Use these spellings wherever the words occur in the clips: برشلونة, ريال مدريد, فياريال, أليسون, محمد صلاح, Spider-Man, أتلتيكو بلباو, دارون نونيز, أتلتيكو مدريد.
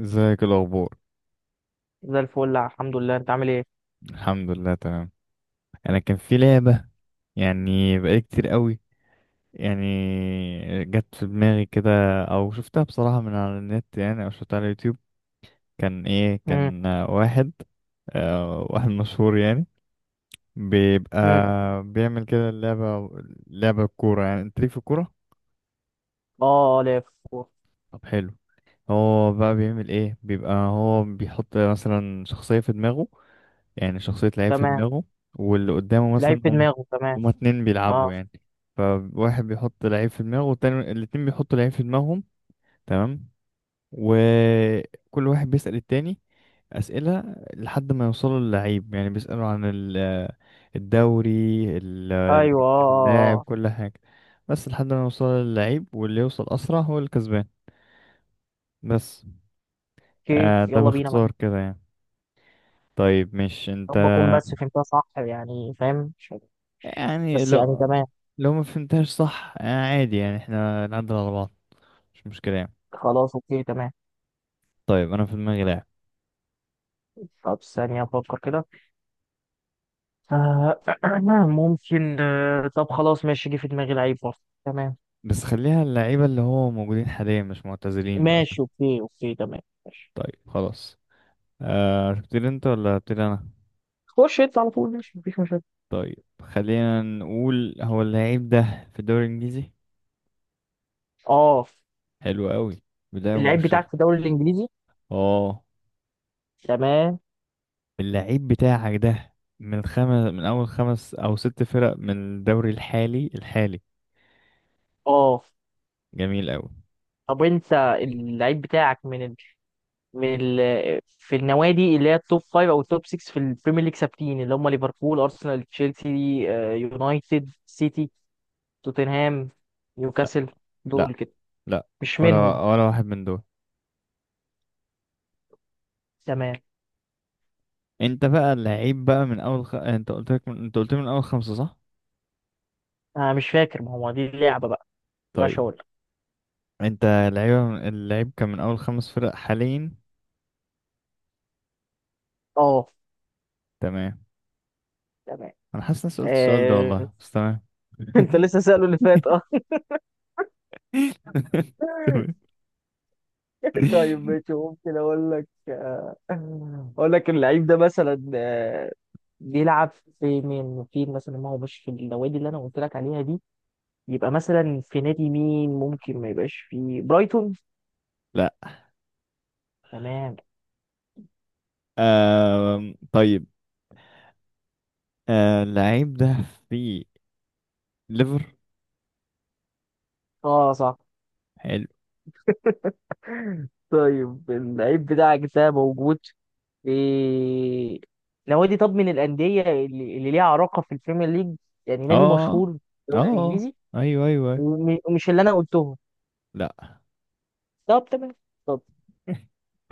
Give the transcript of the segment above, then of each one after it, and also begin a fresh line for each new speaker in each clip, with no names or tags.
ازيك الاخبار؟
زي الفل، الحمد لله. انت عامل ايه؟
الحمد لله، تمام. انا كان في لعبه، يعني بقالي كتير قوي، يعني جت في دماغي كده، او شفتها بصراحه من على النت، يعني او شفتها على اليوتيوب.
امم
كان واحد واحد مشهور، يعني بيبقى
امم
بيعمل كده اللعبه. لعبه كوره، يعني انت ليك في الكوره.
اه اه لف.
طب حلو. هو بقى بيعمل ايه؟ بيبقى هو بيحط مثلا شخصيه في دماغه، يعني شخصية لعيب في
تمام.
دماغه. واللي قدامه
لعيب
مثلا
في دماغه، تمام.
هما اتنين بيلعبوا،
اه،
يعني فواحد بيحط لعيب في دماغه والتاني الاتنين بيحطوا لعيب في دماغهم. تمام. وكل واحد بيسأل التاني أسئلة لحد ما يوصلوا للعيب، يعني بيسألوا عن الدوري،
ايوه اه
جنسية
اه
اللاعب،
اه.
كل حاجة. بس لحد ما يوصلوا للعيب، واللي يوصل أسرع هو الكسبان، بس.
اوكي،
آه، ده
يلا بينا معاك.
باختصار كده يعني. طيب، مش
يا
انت،
رب اكون بس فهمتها صح، يعني فاهم مش عارف.
يعني
بس يعني
لو
تمام.
لو ما فهمتهاش صح، عادي، يعني احنا نعدل على بعض. مش مشكلة يعني.
خلاص اوكي تمام.
طيب، انا في دماغي لاعب،
طب ثانية افكر كده. آه ممكن، طب خلاص ماشي، جه في دماغي لعيب برضه. تمام.
بس خليها اللعيبة اللي هو موجودين حاليا مش معتزلين بقى.
ماشي اوكي اوكي تمام. ماشي.
طيب خلاص. آه، تبتدي انت ولا ابتدي انا؟
خش انت على طول، ماشي مفيش مشاكل.
طيب، خلينا نقول هو اللعيب ده في الدوري الانجليزي.
اه،
حلو قوي، بداية
اللعيب بتاعك
مبشرة.
في الدوري الانجليزي.
اه،
تمام.
اللعيب بتاعك ده من اول خمس او ست فرق من الدوري الحالي.
اه.
جميل قوي.
طب انت، اللعيب بتاعك من ال... من ال... في النوادي اللي هي التوب 5 او التوب 6 في البريمير ليج ثابتين، اللي هم ليفربول، ارسنال، تشيلسي، يونايتد، سيتي، توتنهام،
لا،
نيوكاسل. دول
لا،
كده.
لا،
مش منهم؟
ولا واحد من دول.
تمام.
انت بقى لعيب بقى من اول انت قلت لي من اول خمسة، صح؟
انا مش فاكر، ما هو دي اللعبه بقى. مش
طيب،
اقول لك.
انت، لعيبة اللعيب كان من اول خمس فرق حاليا.
اه.
تمام.
تمام.
انا حاسس اني سألت السؤال ده
آه...
والله، بس تمام.
انت لسه سأله اللي فات، اه.
تمام.
طيب ماشي، ممكن اقول لك، اقول لك اللعيب ده مثلا، بيلعب في مين؟ في مثلا، ما هو مش في النوادي اللي انا قلت لك عليها دي، يبقى مثلا في نادي مين؟ ممكن ما يبقاش في برايتون؟
لا.
تمام.
طيب، اللعيب ده في ليفر.
اه صح.
حلو.
طيب اللعيب بتاعك ده موجود في نوادي، طب من الأندية اللي ليها علاقة في البريمير ليج، يعني نادي
اه،
مشهور في الدوري
اه،
الإنجليزي،
ايوه، ايوه، أيوه.
ومش اللي أنا قلتهم.
لا.
طب تمام. طب،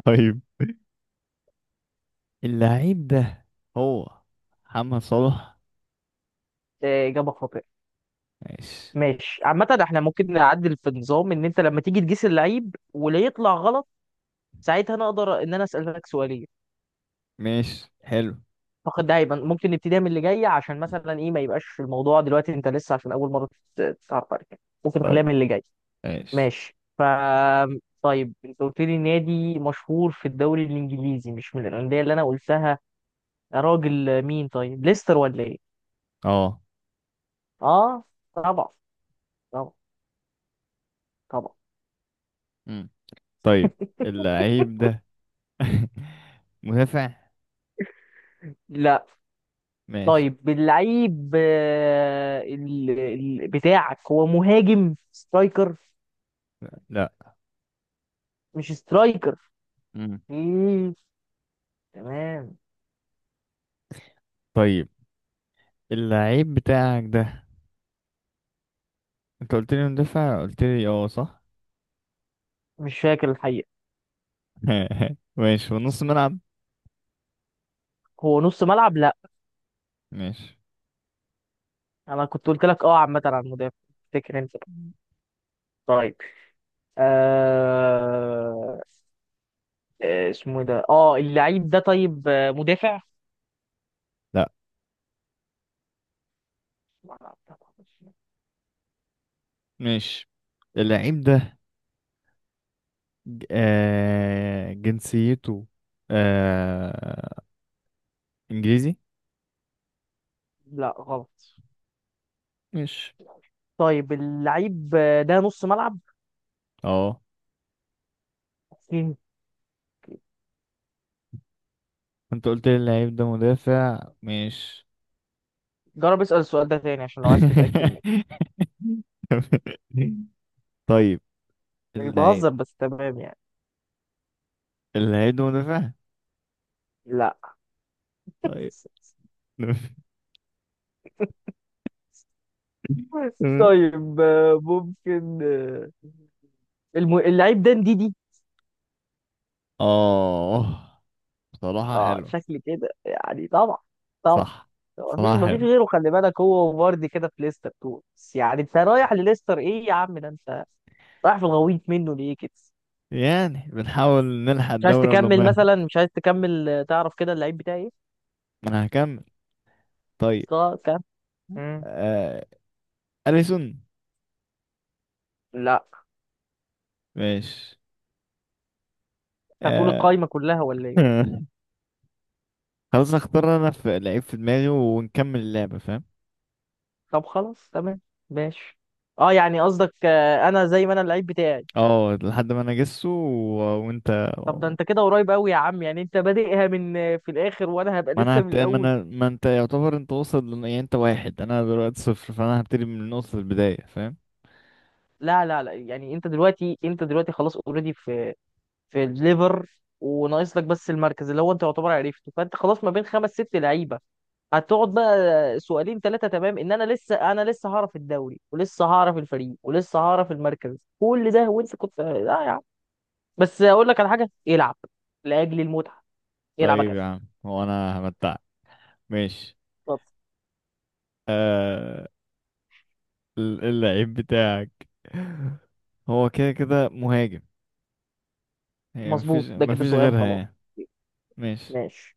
طيب، اللعيب ده هو محمد صلاح.
إجابة خاطئة.
ماشي.
ماشي، عامة احنا ممكن نعدل في النظام، إن أنت لما تيجي تقيس اللعيب ولو يطلع غلط، ساعتها نقدر إن أنا أسألك سؤالين
ماشي، حلو.
فقط. ده هيبقى ممكن نبتديها من اللي جاية، عشان مثلا إيه، ما يبقاش الموضوع دلوقتي أنت لسه عشان أول مرة تتعرف عليك، ممكن
طيب،
نخليها من اللي جاي.
ماشي،
ماشي. ف طيب، أنت قلت لي نادي مشهور في الدوري الإنجليزي مش من الأندية اللي أنا قلتها، يا راجل مين؟ طيب ليستر ولا إيه؟
اه.
آه. طبعا. طبعا. طبعا.
مم. طيب، اللعيب ده مدافع.
لا.
ماشي.
طيب اللعيب بتاعك هو مهاجم سترايكر؟
لا.
مش سترايكر؟
مم.
ايه؟ تمام.
طيب، اللعيب بتاعك ده انت قلت لي مدافع، قلت لي اه، صح.
مش فاكر الحقيقة.
ماشي، في نص ملعب.
هو نص ملعب؟ لا.
ماشي.
انا كنت قلت لك اه عامة عن المدافع، فاكر انت؟ طيب. آه... اسمه إيه ده، اه اللعيب ده؟ طيب، مدافع؟
لا. ماشي. اللعيب ده جنسيته، آه انجليزي.
لا غلط.
ماشي،
طيب اللعيب ده نص ملعب.
اه. انت قلت لي اللعيب ده مدافع، ماشي.
جرب اسأل السؤال ده تاني عشان لو عايز تتأكد.
طيب،
مش
اللعيب
بهزر، بس تمام يعني.
اللعيب ده مدافع.
لا.
طيب. تمام.
طيب، ممكن، اللعيب ده دي.
اه، صراحة
اه
حلوة.
شكل كده يعني. طبعا. طبعا.
صح،
مفيش
صراحة
مفيش
حلوة.
غيره، خلي بالك هو وفاردي كده في ليستر تو بس، يعني انت رايح لليستر ايه يا عم؟ ده انت رايح في الغويط منه، ليه كده؟
يعني بنحاول نلحق
مش عايز
الدورة، ولو
تكمل
مهم.
مثلا؟ مش عايز تكمل، تعرف كده اللعيب بتاعي ايه؟
ما انا هكمل. طيب،
طب كم؟ مم.
آه... أليسون.
لا.
ماشي.
انت هتقول
آه...
القايمه كلها ولا ايه؟
خلاص، اختار انا في لعيب في دماغي ونكمل اللعبة، فاهم؟
طب خلاص تمام. ماشي. اه يعني قصدك، انا زي ما انا اللعيب بتاعي.
اه، لحد ما انا اجسه وانت.
طب ده انت كده قريب قوي يا عم، يعني انت بادئها من، في الاخر، وانا هبقى
ما انا
لسه من
هبت... ما
الاول.
انا ما انت يعتبر انت واصل يعني انت واحد، انا دلوقتي صفر، فانا هبتدي من نقطة البداية، فاهم؟
لا لا لا، يعني انت دلوقتي، انت دلوقتي خلاص اوريدي في في الليفر، وناقص لك بس المركز، اللي هو انت يعتبر عرفته، فانت خلاص ما بين خمس ست لعيبه هتقعد بقى سؤالين ثلاثة تمام، ان انا لسه انا لسه هعرف الدوري ولسه هعرف الفريق ولسه هعرف المركز كل ده. وانت كنت لا يا عم، بس اقول لك على حاجة، العب لأجل المتعة، يلعب
طيب يا
كاس.
عم، هو انا همتعك. ماشي.
طب،
آه... اللعيب بتاعك هو كده كده مهاجم، هي
مظبوط،
مفيش
ده كده
مفيش
سؤال
غيرها
خلاص.
يعني. ماشي،
ماشي.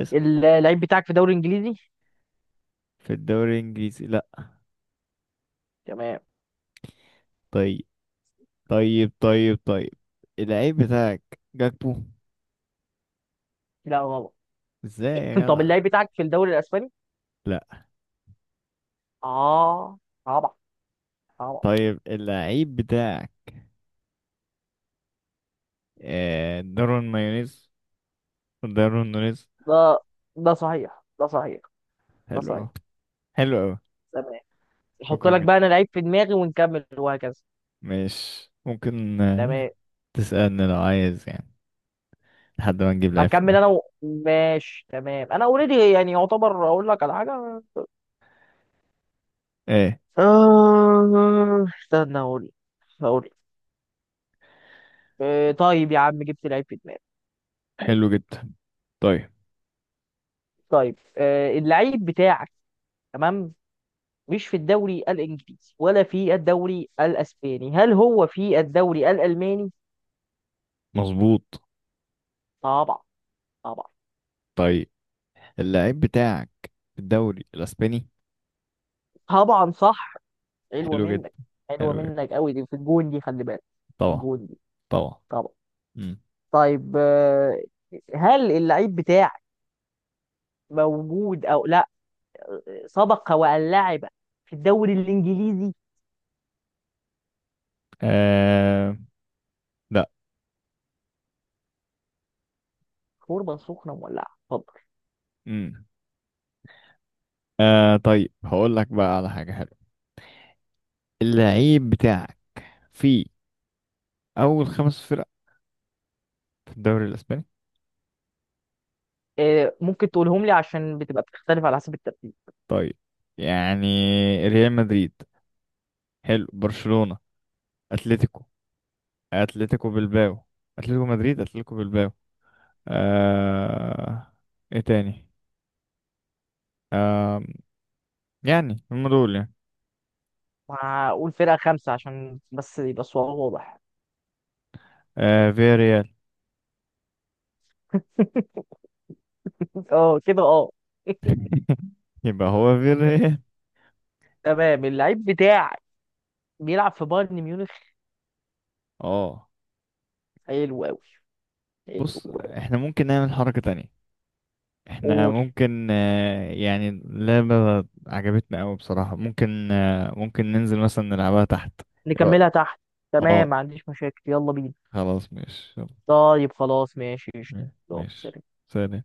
اسأل.
اللعيب بتاعك في الدوري الانجليزي؟
في الدوري الانجليزي؟ لا.
تمام.
طيب، طيب، طيب، طيب، اللعيب بتاعك جاكبو؟
لا غلط.
ازاي يا
طب
جدع؟
اللعيب بتاعك في الدوري الاسباني؟
لا.
اه. طبعا. طبعا.
طيب، اللعيب بتاعك دارون مايونيز، دارون نونيز.
ده، ده صحيح، ده صحيح. ده
حلو
صحيح.
أوي، حلو أوي.
تمام. احط
شكرا
لك
جدا.
بقى انا لعيب في دماغي ونكمل وهكذا.
ماشي، ممكن
تمام.
تسألني لو عايز، يعني لحد ما نجيب لعيب في
اكمل
دماغي.
ماشي تمام، انا اوريدي يعني يعتبر اقول لك على حاجه.
ايه؟
استنى اقول، اقول، طيب يا عم جبت لعيب في دماغي.
حلو جدا. طيب.
طيب، اللعيب بتاعك، تمام، مش في الدوري الانجليزي ولا في الدوري الاسباني، هل هو في الدوري الالماني؟
مظبوط.
طبعا. طبعا.
طيب، اللعيب بتاعك في الدوري الأسباني.
طبعا صح. حلوه
حلو جدا.
منك. حلوه
حلو جدا.
منك قوي دي، في الجون دي خلي بالك.
طبعا،
الجون دي.
طبعا.
طبعا.
مم.
طيب، هل اللعيب بتاعك موجود او لا، سبق وان لعب في الدوري الانجليزي؟
آه... لا.
شوربه سخنه مولعه. اتفضل.
مم. طيب، هقول لك بقى على حاجة حلوة. اللعيب بتاعك في أول خمس فرق في الدوري الأسباني.
ممكن تقولهم لي عشان بتبقى بتختلف على حسب الترتيب.
طيب، يعني ريال مدريد، حلو، برشلونة، اتلتيكو، اتلتيكو بلباو، اتلتيكو مدريد، اتلتيكو بلباو، آه... ايه تاني؟ يعني هم دول، يعني.
هقول فرقة خمسة عشان بس يبقى الصواب واضح.
فياريال.
اه كده اه.
يبقى هو فياريال.
تمام. اللعيب بتاعك بيلعب في بايرن ميونخ.
اه،
حلو قوي. حلو
بص،
أوي.
احنا ممكن نعمل حركة تانية. احنا
قول.
ممكن، يعني اللعبة عجبتنا قوي بصراحة. ممكن ننزل مثلا نلعبها تحت. ايه رأيك؟
نكملها تحت. تمام،
اه،
ما عنديش مشاكل، يلا بينا.
خلاص ماشي.
طيب خلاص، ماشي قشطة.
يلا،
يلا،
ماشي،
سلام.
سلام.